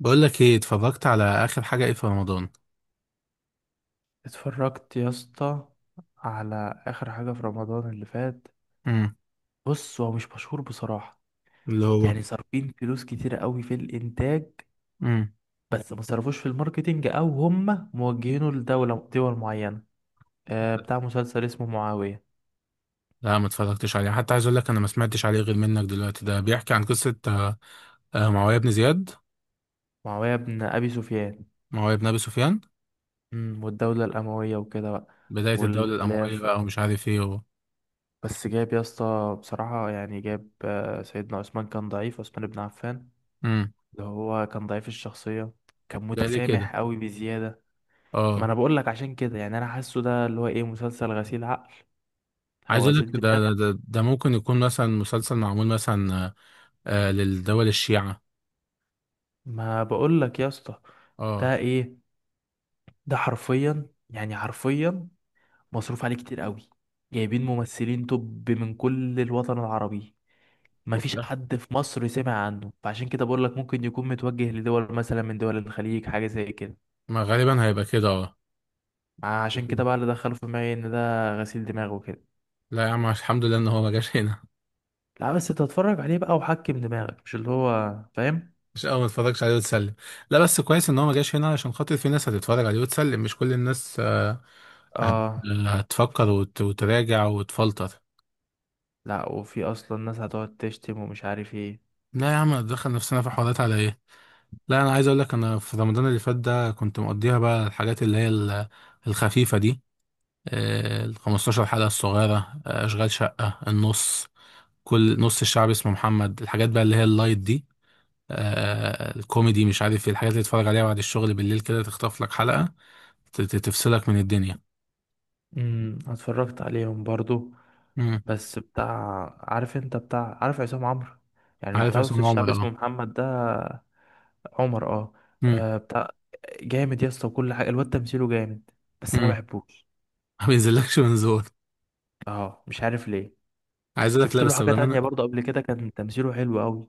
بقول لك ايه اتفرجت على اخر حاجه ايه في رمضان؟ اتفرجت يا اسطى على اخر حاجة في رمضان اللي فات. امم. بص، هو مش مشهور بصراحة. اللي هو؟ يعني صارفين فلوس كتيرة قوي في الانتاج، امم. بس ما صرفوش في الماركتينج، او هم موجهينه لدولة دول معينة. بتاع مسلسل اسمه معاوية. لا ما اتفرجتش عليه، حتى عايز اقول لك انا ما سمعتش عليه غير منك دلوقتي. ده بيحكي عن قصه. معاويه بن زياد، معاوية بن ابي سفيان. معاويه بن ابي سفيان. والدولة الاموية وكده بقى. بدايه الدوله الامويه والخلاف. بقى ومش عارف ايه بس جاب يا اسطى بصراحة، يعني جاب سيدنا عثمان كان ضعيف، عثمان بن عفان. امم. اللي هو كان ضعيف الشخصية، كان ده ليه كده؟ متسامح قوي بزيادة. ما اه. انا بقول لك عشان كده، يعني انا حاسه ده اللي هو ايه، مسلسل غسيل عقل عايز او اقول لك غسيل ده دماغ. ده ده, ده ممكن يكون مثلا مسلسل معمول مثلا. للدول الشيعه. ما بقول لك يا اسطى، اه. ده ايه؟ ده حرفيا يعني حرفيا مصروف عليه كتير قوي. جايبين ممثلين توب من كل الوطن العربي، ما وفي فيش الاخر حد في مصر سمع عنه، فعشان كده بقول لك ممكن يكون متوجه لدول مثلا من دول الخليج، حاجة زي كده. ما غالبا هيبقى كده، اه. عشان كده بقى اللي دخله في دماغي ان ده غسيل دماغ وكده. لا يا عم الحمد لله ان هو ما جاش هنا. لا بس تتفرج عليه بقى وحكم دماغك، مش اللي هو فاهم. مش اه، ما اتفرجش عليه وتسلم. لا بس كويس ان هو ما جاش هنا، عشان خاطر في ناس هتتفرج عليه وتسلم، مش كل الناس. هت- اه. هتفكر وتراجع وتفلتر. لا، وفي اصلا ناس هتقعد تشتم ومش عارف ايه. لا يا عم دخل نفسنا في حوارات على ايه. لا انا عايز اقول لك، انا في رمضان اللي فات ده كنت مقضيها بقى الحاجات اللي هي الخفيفة دي، ال 15 حلقة الصغيرة، اشغال شقة، النص، كل نص الشعب اسمه محمد، الحاجات بقى اللي هي اللايت دي، الكوميدي، مش عارف ايه، الحاجات اللي تتفرج عليها بعد الشغل بالليل كده، تخطف لك حلقة تفصلك من الدنيا. اتفرجت عليهم برضو. امم. بس بتاع، عارف انت بتاع، عارف عصام عمرو؟ يعني انت عارف عارف عصام الشعب عمر، اسمه اه. محمد ده. عمر، اه. امم. آه، بتاع جامد يا اسطى، وكل حاجه الواد تمثيله جامد، امم. بس انا بحبوش. ما بينزلكش منظور. اه، مش عارف ليه. عايز اقول لك، لا شفت له بس حاجه بامانه. تانية برضو، قبل كده كان تمثيله حلو قوي.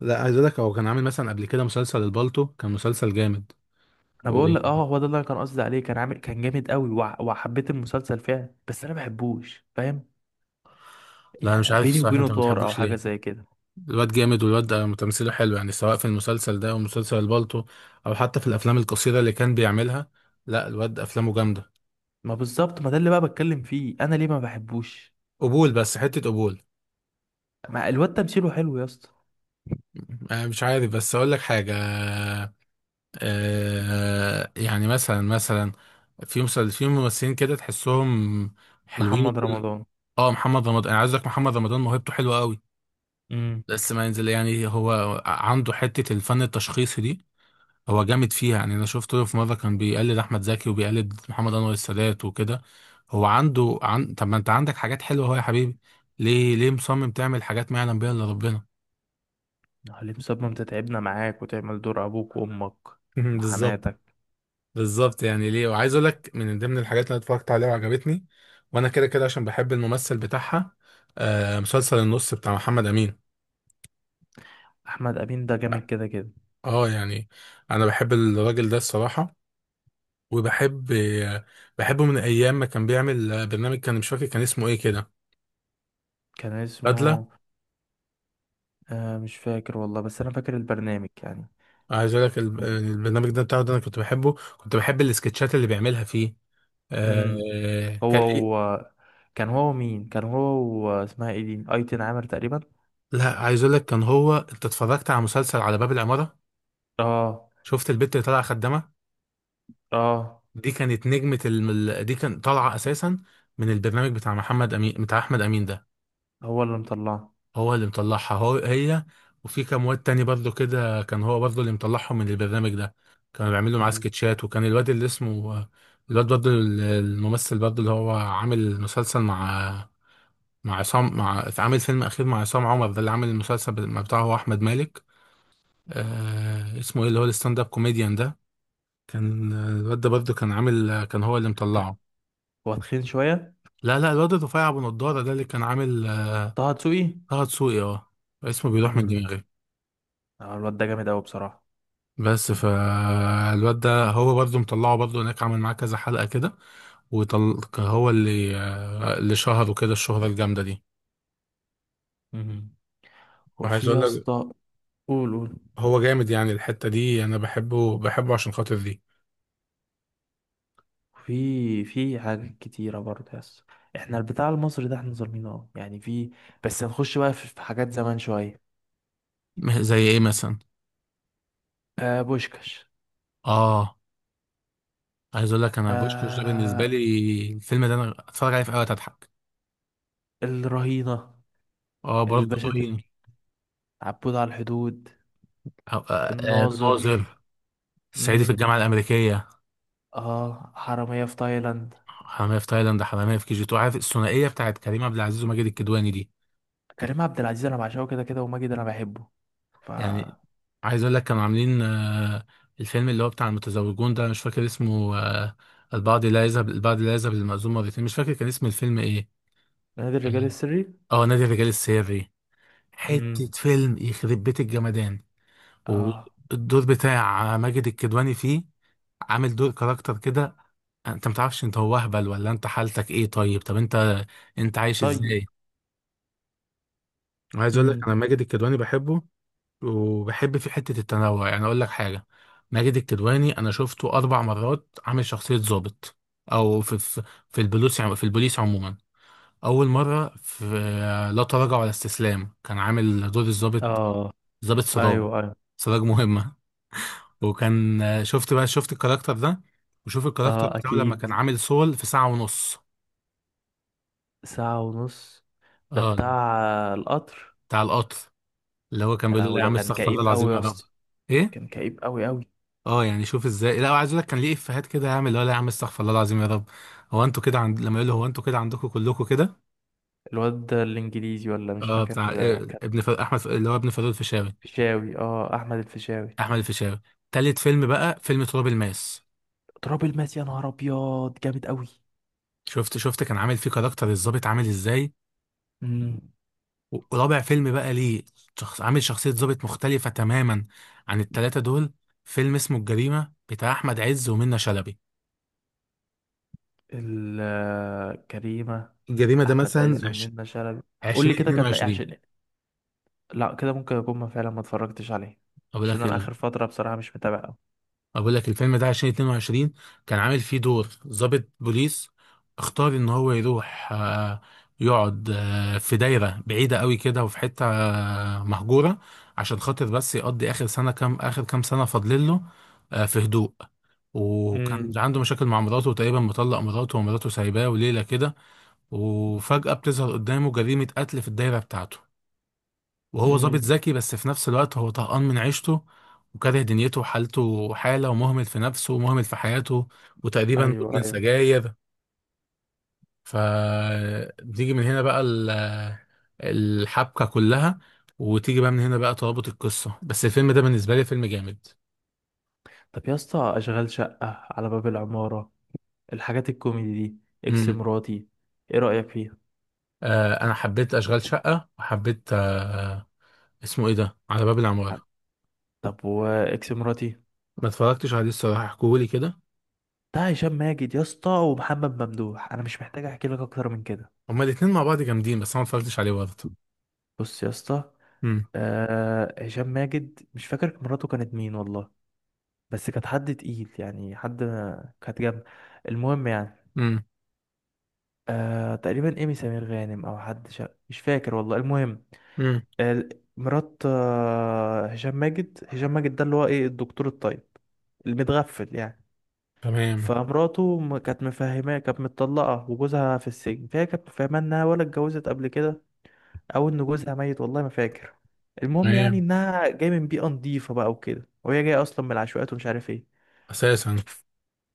لا عايز اقول لك هو كان عامل مثلا قبل كده مسلسل البالتو، كان مسلسل جامد انا و... بقول لك اه، هو ده اللي انا كان قصدي عليه، كان عامل كان جامد قوي، وع- وحبيت المسلسل فعلا، بس انا بحبوش، فاهم. لا انا مش يعني عارف بيني الصراحه، وبينه انت ما طار او بتحبوش حاجه ليه؟ زي كده. الواد جامد، والواد ده تمثيله حلو يعني، سواء في المسلسل ده او مسلسل البالتو، او حتى في الافلام القصيره اللي كان بيعملها. لا الواد افلامه جامده. ما بالظبط، ما ده اللي بقى بتكلم فيه، انا ليه ما بحبوش؟ قبول، بس حته قبول. ما الواد تمثيله حلو يا اسطى. أنا مش عارف، بس اقول لك حاجه، يعني مثلا، في ممثلين كده تحسهم حلوين محمد وكل. رمضان. اه محمد رمضان، انا عايز اقول لك محمد رمضان موهبته حلوه قوي، امم. بس ما ينزل يعني. هو عنده حته الفن التشخيصي دي، هو جامد فيها يعني. انا شفت له في مره كان بيقلد احمد زكي وبيقلد محمد انور السادات وكده. هو عنده طب ما انت عندك حاجات حلوه اهو يا حبيبي، ليه ليه مصمم تعمل حاجات ما يعلم بيها الا ربنا؟ حليم صبري، انت تعبنا معاك وتعمل دور ابوك وامك بالظبط. وحماتك. بالظبط. يعني ليه؟ وعايز اقول لك، من ضمن الحاجات اللي أنا اتفرجت عليها وعجبتني، وانا كده كده عشان بحب الممثل بتاعها، مسلسل النص بتاع محمد امين. احمد امين ده جامد كده كده. اه يعني انا بحب الراجل ده الصراحه، وبحب. بحبه من ايام ما كان بيعمل برنامج، كان مش فاكر كان اسمه ايه كده، كان بدله. اسمه... آه، مش فاكر والله، بس انا فاكر البرنامج يعني. عايز اقول لك البرنامج ده بتاعه ده، انا كنت بحبه، كنت بحب السكتشات اللي بيعملها فيه. امم. هو كان ايه؟ هو كان هو مين؟ كان هو... اسمها ايه دي؟ ايتن عامر تقريبا. لا عايز اقول لك، كان هو، انت اتفرجت على مسلسل على باب العماره؟ اه. شفت البت اللي طالعه خدامه؟ اه، دي كانت نجمة دي كان طالعة أساسا من البرنامج بتاع محمد أمين، بتاع أحمد أمين ده. هو اللي مطلعه. هو اللي مطلعها، هو هي. وفي كام واد تاني برضه كده كان هو برضه اللي مطلعهم من البرنامج ده. كانوا بيعملوا معاه امم. سكتشات، وكان الواد اللي اسمه، الواد برضه الممثل برضه، اللي هو عامل مسلسل مع، مع عصام مع عامل فيلم أخير مع عصام عمر ده اللي عامل المسلسل بتاعه، هو أحمد مالك. اسمه إيه اللي هو الستاند أب كوميديان ده؟ كان الواد ده برضه كان هو اللي مطلعه. هو تخين شويه. لا لا، الواد رفيع ابو نضاره ده، اللي كان عامل. طه دسوقي. طه دسوقي، اه. اسمه بيروح من امم. دماغي. الواد ده جامد قوي بصراحه. بس فالواد ده هو برضه مطلعه برضه، هناك عامل معاه كذا حلقة كده، هو اللي شهره كده الشهرة الجامدة دي. مهم. وعايز وفي اقول يا لك، اسطى. قول، قول. هو جامد يعني، الحتة دي انا بحبه بحبه عشان خاطر دي. في حاجات كتيرة برضه يا اسطى، احنا البتاع المصري ده احنا ظالمينه. اه، يعني في. بس هنخش بقى في حاجات زمان شوية. زي ايه مثلا؟ بوشكاش. اه عايز اقول لك، انا بوشكش ده بالنسبة آه لي الفيلم ده، انا اتفرج عليه في اوقات اضحك. الرهينة. اه برضه الباشا رهيب. تلميذ. عبود على الحدود. الناظر. الناظر، صعيدي في امم. الجامعة الأمريكية، اه، حرامية في تايلاند. حمامية في تايلاند، حمامية في كي جي 2. عارف الثنائية بتاعت كريم عبد العزيز وماجد الكدواني دي؟ كريم عبد العزيز انا بعشقه كده كده، وماجد انا بحبه. ف يعني عايز اقول لك، كانوا عاملين الفيلم اللي هو بتاع المتزوجون ده، مش فاكر اسمه. البعض لا يذهب للمأذون مرتين، مش فاكر كان اسم الفيلم ايه. نادي الرجال السري. اه نادي الرجال السري. حتة مم. فيلم يخرب بيت الجمدان. اه. والدور بتاع ماجد الكدواني فيه، عامل دور كاركتر كده، انت متعرفش انت هو اهبل ولا انت حالتك ايه. طيب طب انت عايش طيب. ازاي؟ عايز اقول لك، امم. انا ماجد الكدواني بحبه، وبحب في حتة التنوع يعني. أقول لك حاجة، ماجد الكدواني أنا شفته أربع مرات عامل شخصية ضابط، أو في في البوليس في البوليس عموما. أول مرة في لا تراجع ولا استسلام، كان عامل دور الضابط اه. ضابط سراج، ايوه، ايوه. سراج مهمة، وكان شفت الكاركتر ده. وشوف الكاركتر اه، بتاعه لما اكيد. كان عامل سول في ساعة ونص، ساعة ونص. ده اه، بتاع القطر. بتاع القطر، اللي هو كان يا بيقول له لا لهوي، يا ده عم كان استغفر الله كئيب العظيم قوي يا يا رب. اسطى. ايه؟ كان كئيب قوي قوي. اه يعني شوف ازاي. لا وعايز اقول لك، كان ليه افيهات كده يا عم، اللي هو لا يا عم استغفر الله العظيم يا رب، هو انتوا كده عند لما يقول له هو انتوا كده عندكم كلكم كده. الواد ده الانجليزي ولا مش اه، فاكر، بتاع إيه، كان... ابن ف... احمد ف- اللي هو ابن فاروق الفيشاوي، فيشاوي، اه، احمد الفيشاوي. احمد الفيشاوي. تالت فيلم بقى فيلم تراب الماس. تراب الماس، يا نهار ابيض جامد قوي. شفت كان عامل فيه كاركتر الظابط عامل ازاي. امم. ورابع فيلم بقى ليه، عامل شخصية ظابط مختلفة تماما عن التلاتة دول. فيلم اسمه الجريمة بتاع احمد عز ومنة شلبي. كريمة. الجريمة ده احمد مثلا عز ومنة شلبي. قول لي كده كان ايه، 2022. عشان... لا كده ممكن اكون ما فعلا ما اتفرجتش عليه، اقول عشان لك انا اخر فترة بصراحة مش متابع قوي. اقول لك، الفيلم ده 2022، كان عامل فيه دور ضابط بوليس، اختار ان هو يروح يقعد في دايرة بعيدة قوي كده، وفي حتة مهجورة، عشان خاطر بس يقضي اخر كام سنة فاضلين له، في هدوء. وكان امم. عنده مشاكل مع مراته، وتقريبا مطلق مراته، ومراته سايباه وليلة كده، وفجأة بتظهر قدامه جريمة قتل في الدايرة بتاعته. وهو ظابط امم. ذكي، بس في نفس الوقت هو طهقان من عيشته، وكاره دنيته، وحالته حالة، ومهمل في نفسه، ومهمل في حياته، وتقريبا ايوه، مدمن ايوه. سجاير. فتيجي من هنا بقى الحبكة كلها، وتيجي بقى من هنا بقى ترابط القصة. بس الفيلم ده بالنسبة لي فيلم جامد. طب يا اسطى، اشغال شقة، على باب العمارة، الحاجات الكوميدي دي، اكس امم. مراتي، ايه رأيك فيها؟ أنا حبيت أشغال شقة، وحبيت اسمه إيه ده، على باب العمارة. طب، واكس مراتي؟ ما اتفرجتش عليه الصراحة، احكولي كده. ده هشام ماجد يا اسطى ومحمد ممدوح، انا مش محتاج احكي لك اكتر من كده. هما الاتنين مع بعض جامدين، بس أنا ما اتفرجتش عليه برضه. بص يا اسطى، امم. هشام ماجد مش فاكر مراته كانت مين والله، بس كانت حد تقيل، يعني حد، كانت جنب. المهم يعني، امم. تقريبا ايمي سمير غانم او حد مش فاكر والله. المهم، امم. ال- مرات هشام ماجد ده اللي هو ايه، الدكتور الطيب المتغفل يعني. تمام. فمراته كانت مفهماه كانت متطلقة وجوزها في السجن، فهي كانت مفهماه انها ولا اتجوزت قبل كده، او ان جوزها ميت والله ما فاكر. المهم، يعني تمام. انها جاية من بيئة نضيفة بقى وكده، وهي جاية اصلا من العشوائيات ومش عارف ايه. اساسا. ف-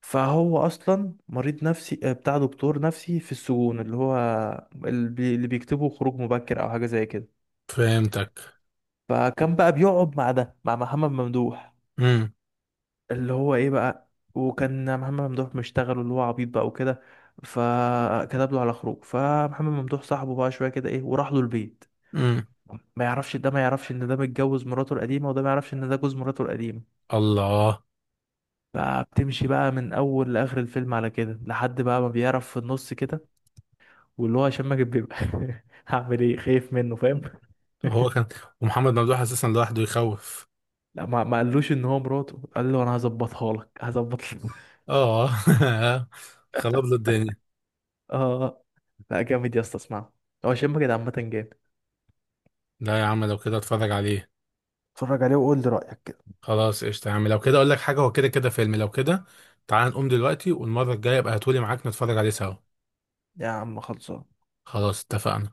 فهو اصلا مريض نفسي، بتاع دكتور نفسي في السجون، اللي هو اللي بيكتبوا خروج مبكر او حاجة زي كده. فهمتك. فكان بقى بيقعد مع ده، مع محمد ممدوح، امم. اللي هو ايه بقى. وكان محمد ممدوح مشتغل اللي هو عبيط بقى وكده، فكتب له على خروج، فمحمد ممدوح صاحبه بقى شويه كده ايه، وراح له البيت. امم. ما يعرفش ده، ما يعرفش ان ده متجوز مراته القديمه، وده ما يعرفش ان ده جوز مراته القديمه. الله. فبتمشي بقى من اول لاخر الفيلم على كده، لحد بقى ما بيعرف في النص كده، واللي هو هشام ماجد بيبقى هعمل ايه، خايف منه، فاهم؟ هو كان. ومحمد ممدوح اساسا لوحده يخوف. لا، ما قالوش ان هو مراته، قال له انا هظبطها لك، هظبط لك. اه. خرب له الدنيا. اه. لا، جامد يا اسطى، اسمعه، هو شم كده عامة جامد. لا يا عم لو كده اتفرج عليه. اتفرج عليه وقول لي رأيك كده. خلاص قشطة يا عم، لو كده اقول لك حاجه، هو كده كده فيلم، لو كده تعال نقوم دلوقتي، والمره الجايه ابقى هاتولي معاك نتفرج عليه سوا. يا عم خلصان. خلاص اتفقنا.